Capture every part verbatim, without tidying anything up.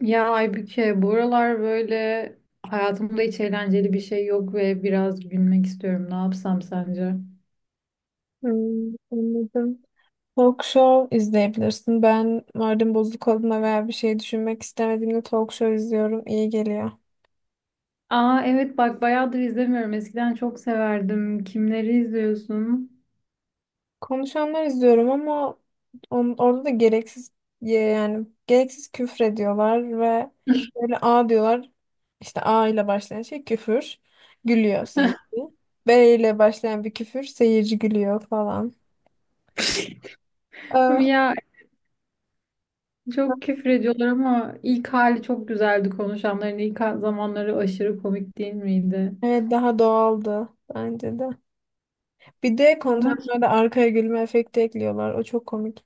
Ya Aybüke, bu aralar böyle hayatımda hiç eğlenceli bir şey yok ve biraz gülmek istiyorum. Ne yapsam sence? Hmm, anladım. Talk show izleyebilirsin. Ben moralim bozuk olduğunda veya bir şey düşünmek istemediğimde talk show izliyorum. İyi geliyor. Aa, evet bak bayağıdır izlemiyorum. Eskiden çok severdim. Kimleri izliyorsun? Konuşanlar izliyorum ama on- orada da gereksiz ye- yani gereksiz küfür ediyorlar ve böyle A diyorlar. İşte A ile başlayan şey küfür. Gülüyor seyirci. B ile başlayan bir küfür seyirci gülüyor falan. Ah, Ya, çok küfür ediyorlar ama ilk hali çok güzeldi konuşanların. İlk zamanları aşırı komik değil miydi? evet daha doğaldı bence de. Bir de Ama, kontenlarda arkaya gülme efekti ekliyorlar. O çok komik.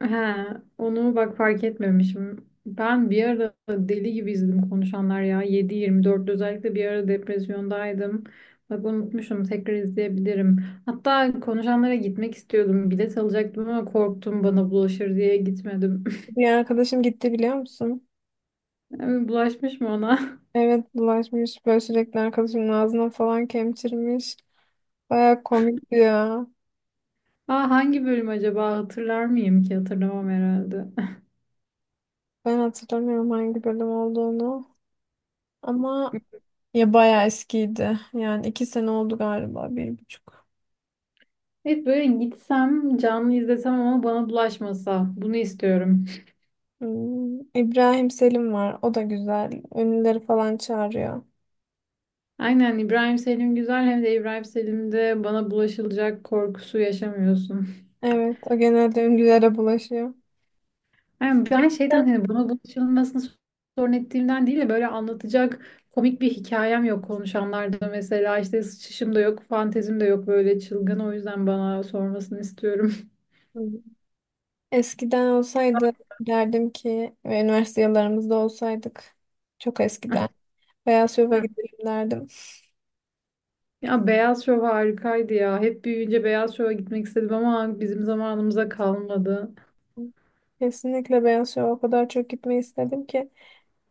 he, onu bak fark etmemişim. Ben bir ara deli gibi izledim konuşanlar ya. Yedi yirmi dört özellikle bir ara depresyondaydım. Bak unutmuşum, tekrar izleyebilirim. Hatta konuşanlara gitmek istiyordum. Bilet alacaktım ama korktum bana bulaşır diye gitmedim. Bir arkadaşım gitti biliyor musun? Yani bulaşmış mı ona? Evet bulaşmış böyle sürekli arkadaşımın ağzına falan kemçirmiş. Baya komikti ya. Aa, hangi bölüm acaba, hatırlar mıyım ki? Hatırlamam herhalde. Ben hatırlamıyorum hangi bölüm olduğunu. Ama ya baya eskiydi. Yani iki sene oldu galiba, bir buçuk. Evet, böyle gitsem canlı izlesem ama bana bulaşmasa, bunu istiyorum. Hmm, İbrahim Selim var. O da güzel. Ünlüleri falan çağırıyor. Aynen, İbrahim Selim güzel hem de İbrahim Selim'de bana bulaşılacak korkusu yaşamıyorsun. Evet o genelde ünlülere bulaşıyor. Yani ben şeyden, hani bana bulaşılmasını sorun ettiğimden değil de böyle anlatacak komik bir hikayem yok konuşanlarda, mesela işte sıçışım da yok, fantezim de yok böyle çılgın, o yüzden bana sormasını istiyorum. Evet. Eskiden olsaydı derdim ki, ve üniversite yıllarımızda olsaydık, çok eskiden Beyaz Şov'a Heh. gidelim derdim. Ya, Beyaz Şov harikaydı ya. Hep büyüyünce Beyaz Şov'a gitmek istedim ama bizim zamanımıza kalmadı. Kesinlikle Beyaz Şov'a o kadar çok gitmeyi istedim ki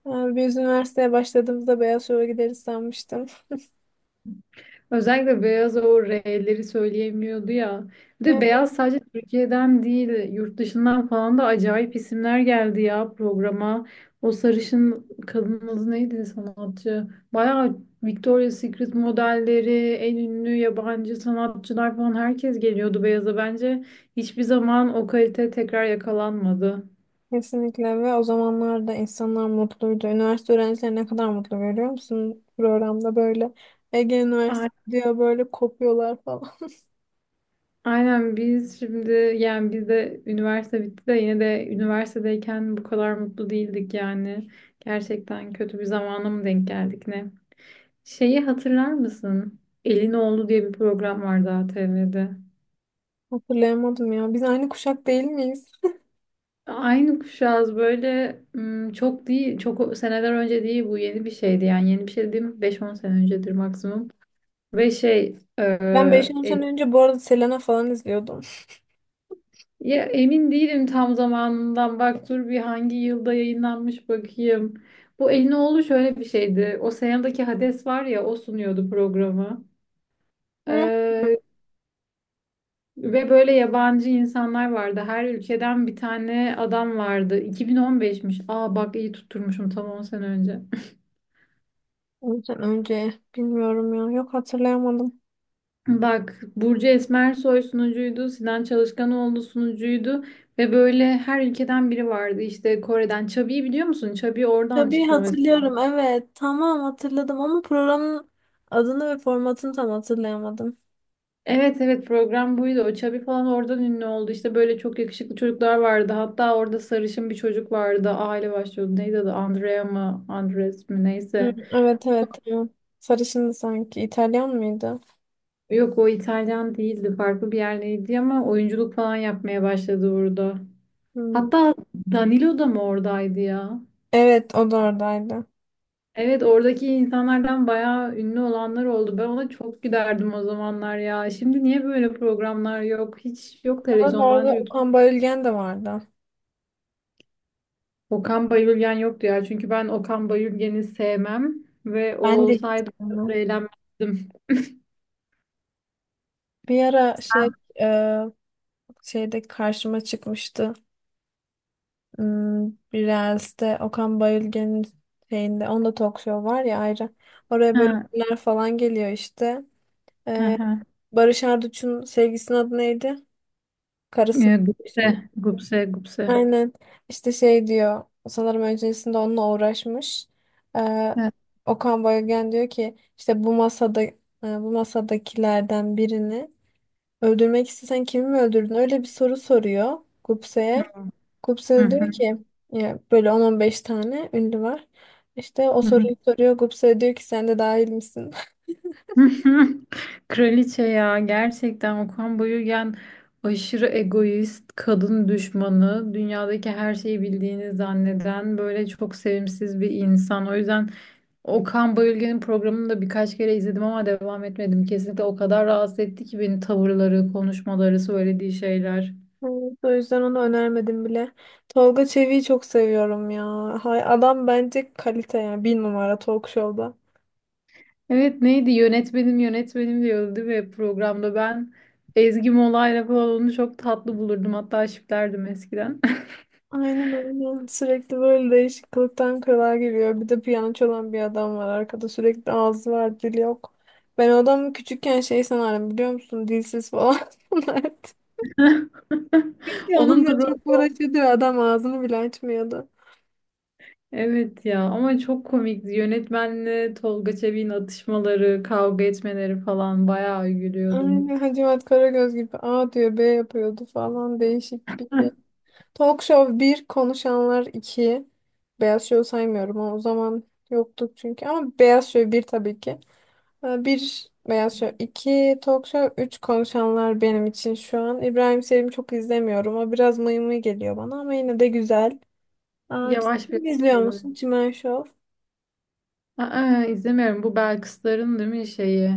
Ee, biz üniversiteye başladığımızda Beyaz Şov'a gideriz sanmıştım. Özellikle Beyaz o R'leri söyleyemiyordu ya. Bir de Evet, Beyaz sadece Türkiye'den değil, yurt dışından falan da acayip isimler geldi ya programa. O sarışın kadının adı neydi sanatçı? Bayağı Victoria's Secret modelleri, en ünlü yabancı sanatçılar falan herkes geliyordu Beyaza. Bence hiçbir zaman o kalite tekrar yakalanmadı. kesinlikle ve o zamanlar da insanlar mutluydu. Üniversite öğrencileri ne kadar mutlu görüyor musun programda, böyle Ege Üniversitesi diyor böyle kopuyorlar falan. Aynen, biz şimdi, yani biz de üniversite bitti de yine de üniversitedeyken bu kadar mutlu değildik yani. Gerçekten kötü bir zamana mı denk geldik ne? Şeyi hatırlar mısın? Elin Oğlu diye bir program vardı A T V'de. Hatırlayamadım ya. Biz aynı kuşak değil miyiz? Aynı kuşağız böyle hmm, çok değil, çok seneler önce değil, bu yeni bir şeydi yani yeni bir şey dediğim beş on sene öncedir maksimum. Ve şey Ben beş e, 10 sene önce bu arada Selena falan izliyordum. Ya, emin değilim tam zamanından. Bak dur bir, hangi yılda yayınlanmış bakayım. Bu Elinoğlu şöyle bir şeydi. O Ocean'daki Hades var ya o sunuyordu programı. Hı. Ee, ve böyle yabancı insanlar vardı. Her ülkeden bir tane adam vardı. iki bin on beşmiş. Aa bak iyi tutturmuşum, tam on sene önce. on sene önce bilmiyorum ya. Yok, hatırlayamadım. Bak, Burcu Esmersoy sunucuydu. Sinan Çalışkanoğlu sunucuydu. Ve böyle her ülkeden biri vardı. İşte Kore'den. Chubby'yi biliyor musun? Chubby oradan Tabii çıkma. hatırlıyorum, evet. Tamam, hatırladım ama programın adını ve formatını tam hatırlayamadım. Evet, evet, program buydu. O Chubby falan oradan ünlü oldu. İşte böyle çok yakışıklı çocuklar vardı. Hatta orada sarışın bir çocuk vardı. Aile başlıyordu. Neydi adı? Andrea mı? Andres mi? Hı, Neyse. evet evet tamam. Sarışındı sanki. İtalyan mıydı? Yok, o İtalyan değildi. Farklı bir yerliydi ama oyunculuk falan yapmaya başladı orada. Hı. Hatta Danilo da mı oradaydı ya? Evet, o da oradaydı. Evet, oradaki insanlardan bayağı ünlü olanlar oldu. Ben ona çok giderdim o zamanlar ya. Şimdi niye böyle programlar yok? Hiç yok Ama televizyondan. orada Okan Bayülgen de vardı. Okan Bayülgen yoktu ya. Çünkü ben Okan Bayülgen'i sevmem ve o Ben de hiç olsaydı o kadar bilmiyorum. eğlenmezdim. Bir ara şey, e, şeyde karşıma çıkmıştı. Hmm, biraz da Okan Bayülgen'in şeyinde, onda talk show var ya ayrı. Oraya böyle Ha, ünlüler falan geliyor işte. hı Ee, hı. Barış Arduç'un sevgisinin adı neydi? Karısı mı? Ee, Gupse, Şimdi. Gupse, Gupse. Aynen. İşte şey diyor. Sanırım öncesinde onunla uğraşmış. Ee, Evet. Okan Bayülgen diyor ki işte, bu masada e, bu masadakilerden birini öldürmek istesen kimi mi öldürdün? Öyle bir soru soruyor Gupse'ye. Gupse Hı de hı, diyor ki ya böyle on on beş tane ünlü var. İşte o hı hı. soruyu soruyor. Gupse de diyor ki sen de dahil misin? Kraliçe ya, gerçekten Okan Bayülgen aşırı egoist, kadın düşmanı, dünyadaki her şeyi bildiğini zanneden böyle çok sevimsiz bir insan. O yüzden Okan Bayülgen'in programını da birkaç kere izledim ama devam etmedim. Kesinlikle o kadar rahatsız etti ki beni tavırları, konuşmaları, söylediği şeyler. Evet, o yüzden onu önermedim bile. Tolga Çevik'i çok seviyorum ya. Hay, adam bence kalite yani. Bir numara talk show'da. Evet, neydi, yönetmenim yönetmenim diyordu değil mi programda? Ben Ezgi Mola'yla falan onu çok tatlı bulurdum, hatta şiplerdim eskiden. Aynen aynen. Sürekli böyle değişik kılıktan kılığa giriyor. Bir de piyano çalan bir adam var arkada. Sürekli ağzı var, dili yok. Ben o adamı küçükken şey sanarım biliyor musun? Dilsiz falan sanarım. Çünkü Onun da onunla çok rolü. uğraşıyordu ve adam ağzını bile açmıyordu. Evet ya, ama çok komikti yönetmenle Tolga Çevik'in atışmaları, kavga etmeleri falan, bayağı gülüyordum. Aynen Hacivat Karagöz gibi, A diyor B yapıyordu falan, değişik bir şey. Talk Show bir, Konuşanlar iki. Beyaz Show saymıyorum ama o zaman yoktuk çünkü. Ama Beyaz Show bir tabii ki. Ee, Bir Beyaz Şov, iki Talk Show, üç Konuşanlar benim için şu an. İbrahim Selim'i çok izlemiyorum. O biraz mıy mıy geliyor bana ama yine de güzel. Aa, Yavaş bir. Çimen izliyor musun, Çimen Show? Aa, izlemiyorum. Bu Belkısların değil mi şeyi?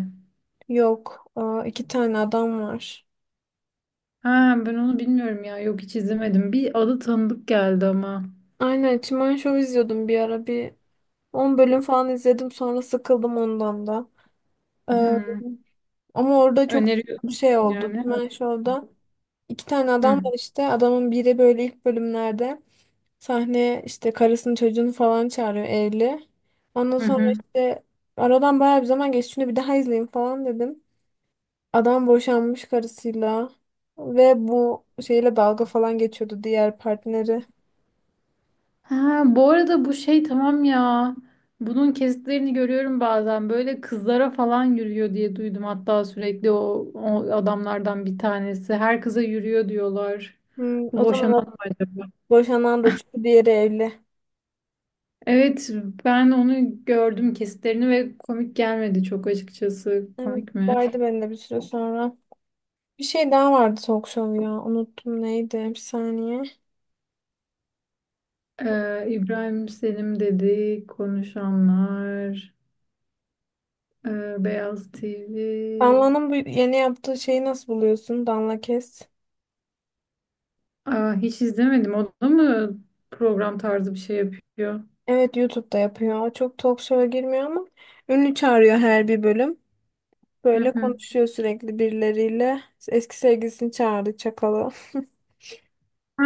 Yok. Aa, iki tane adam var. Ha, ben onu bilmiyorum ya. Yok, hiç izlemedim. Bir adı tanıdık geldi ama. Aynen, Çimen Show izliyordum bir ara. Bir on bölüm falan izledim, sonra sıkıldım ondan da. Ee, Hı. ama orada çok Öneriyorum bir şey oldu. yani. Çimen Show'da iki tane adam Hı, var işte. Adamın biri böyle ilk bölümlerde sahneye işte karısını çocuğunu falan çağırıyor, evli. Ondan hı, sonra hı. işte aradan bayağı bir zaman geçti. Şunu bir daha izleyeyim falan dedim. Adam boşanmış karısıyla ve bu şeyle dalga falan geçiyordu, diğer partneri. Ha, bu arada bu şey tamam ya. Bunun kesitlerini görüyorum bazen. Böyle kızlara falan yürüyor diye duydum. Hatta sürekli o, o adamlardan bir tanesi. Her kıza yürüyor diyorlar. Hmm, Bu o zaman boşanan o mı acaba? boşanan, da çünkü diğeri evli. Evet, ben onu gördüm kesitlerini ve komik gelmedi çok açıkçası. Evet, Komik mi? vardı bende bir süre sonra. Bir şey daha vardı talk show ya. Unuttum neydi? Bir saniye. Ee, İbrahim Selim dedi, Konuşanlar, ee, Beyaz T V. Danla'nın bu yeni yaptığı şeyi nasıl buluyorsun? Danla Kes. Aa, hiç izlemedim. O da mı program tarzı bir şey yapıyor? Evet, YouTube'da yapıyor. Çok talk show'a girmiyor ama ünlü çağırıyor her bir bölüm. Hı Böyle hı. konuşuyor sürekli birileriyle. Eski sevgilisini çağırdı, Çakal'ı. Ha,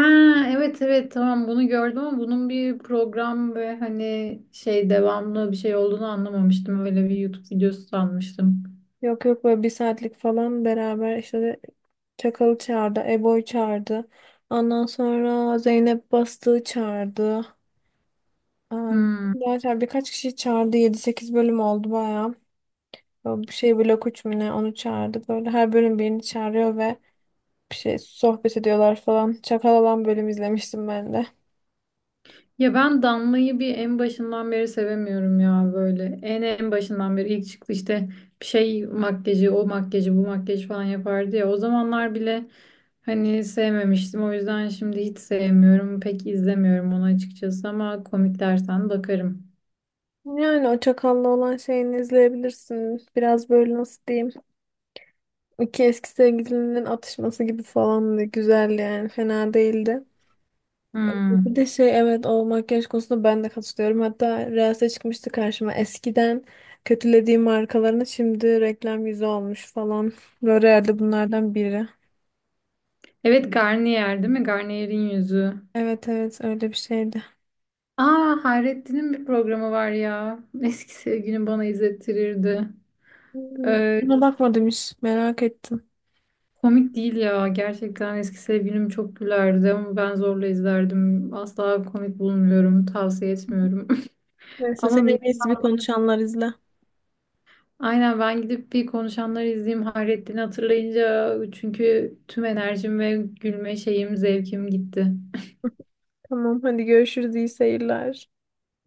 evet, evet, tamam, bunu gördüm ama bunun bir program ve hani şey devamlı bir şey olduğunu anlamamıştım. Öyle bir YouTube videosu sanmıştım. Yok yok, böyle bir saatlik falan beraber işte de Çakal'ı çağırdı. Ebo'yu çağırdı. Ondan sonra Zeynep Bastık'ı çağırdı. Aa, Hmm. gerçi birkaç kişi çağırdı. Yedi sekiz bölüm oldu bayağı. Böyle bir şey blok üç mü ne, onu çağırdı. Böyle her bölüm birini çağırıyor ve bir şey sohbet ediyorlar falan. Çakal olan bölüm izlemiştim ben de. Ya ben Damla'yı bir en başından beri sevemiyorum ya böyle. En en başından beri ilk çıktı işte bir şey makyajı, o makyajı, bu makyajı falan yapardı ya. O zamanlar bile hani sevmemiştim. O yüzden şimdi hiç sevmiyorum. Pek izlemiyorum onu açıkçası ama komik dersen bakarım. Yani o Çakal'la olan şeyini izleyebilirsin. Biraz böyle, nasıl diyeyim, İki eski sevgilinin atışması gibi falan, da güzel yani. Fena değildi. Bir Hmm. de şey, evet, o makyaj konusunda ben de katılıyorum. Hatta Reels'e çıkmıştı karşıma. Eskiden kötülediğim markalarını şimdi reklam yüzü olmuş falan. L'Oreal'de bunlardan biri. Evet, Garnier değil mi? Garnier'in yüzü. Evet evet öyle bir şeydi. Aa, Hayrettin'in bir programı var ya. Eski sevgilim bana izlettirirdi. Hmm, Ee, Buna bakmadım hiç. Merak ettim. Komik değil ya. Gerçekten eski sevgilim çok gülerdi ama ben zorla izlerdim. Asla komik bulmuyorum. Tavsiye etmiyorum. Neyse, Ama sen en iyisi bir Misan'ın. Konuşanlar izle. Aynen, ben gidip bir konuşanları izleyeyim. Hayrettin'i hatırlayınca çünkü tüm enerjim ve gülme şeyim, zevkim gitti. Tamam, hadi görüşürüz. İyi seyirler.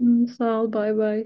Hı, sağ ol, bay bay.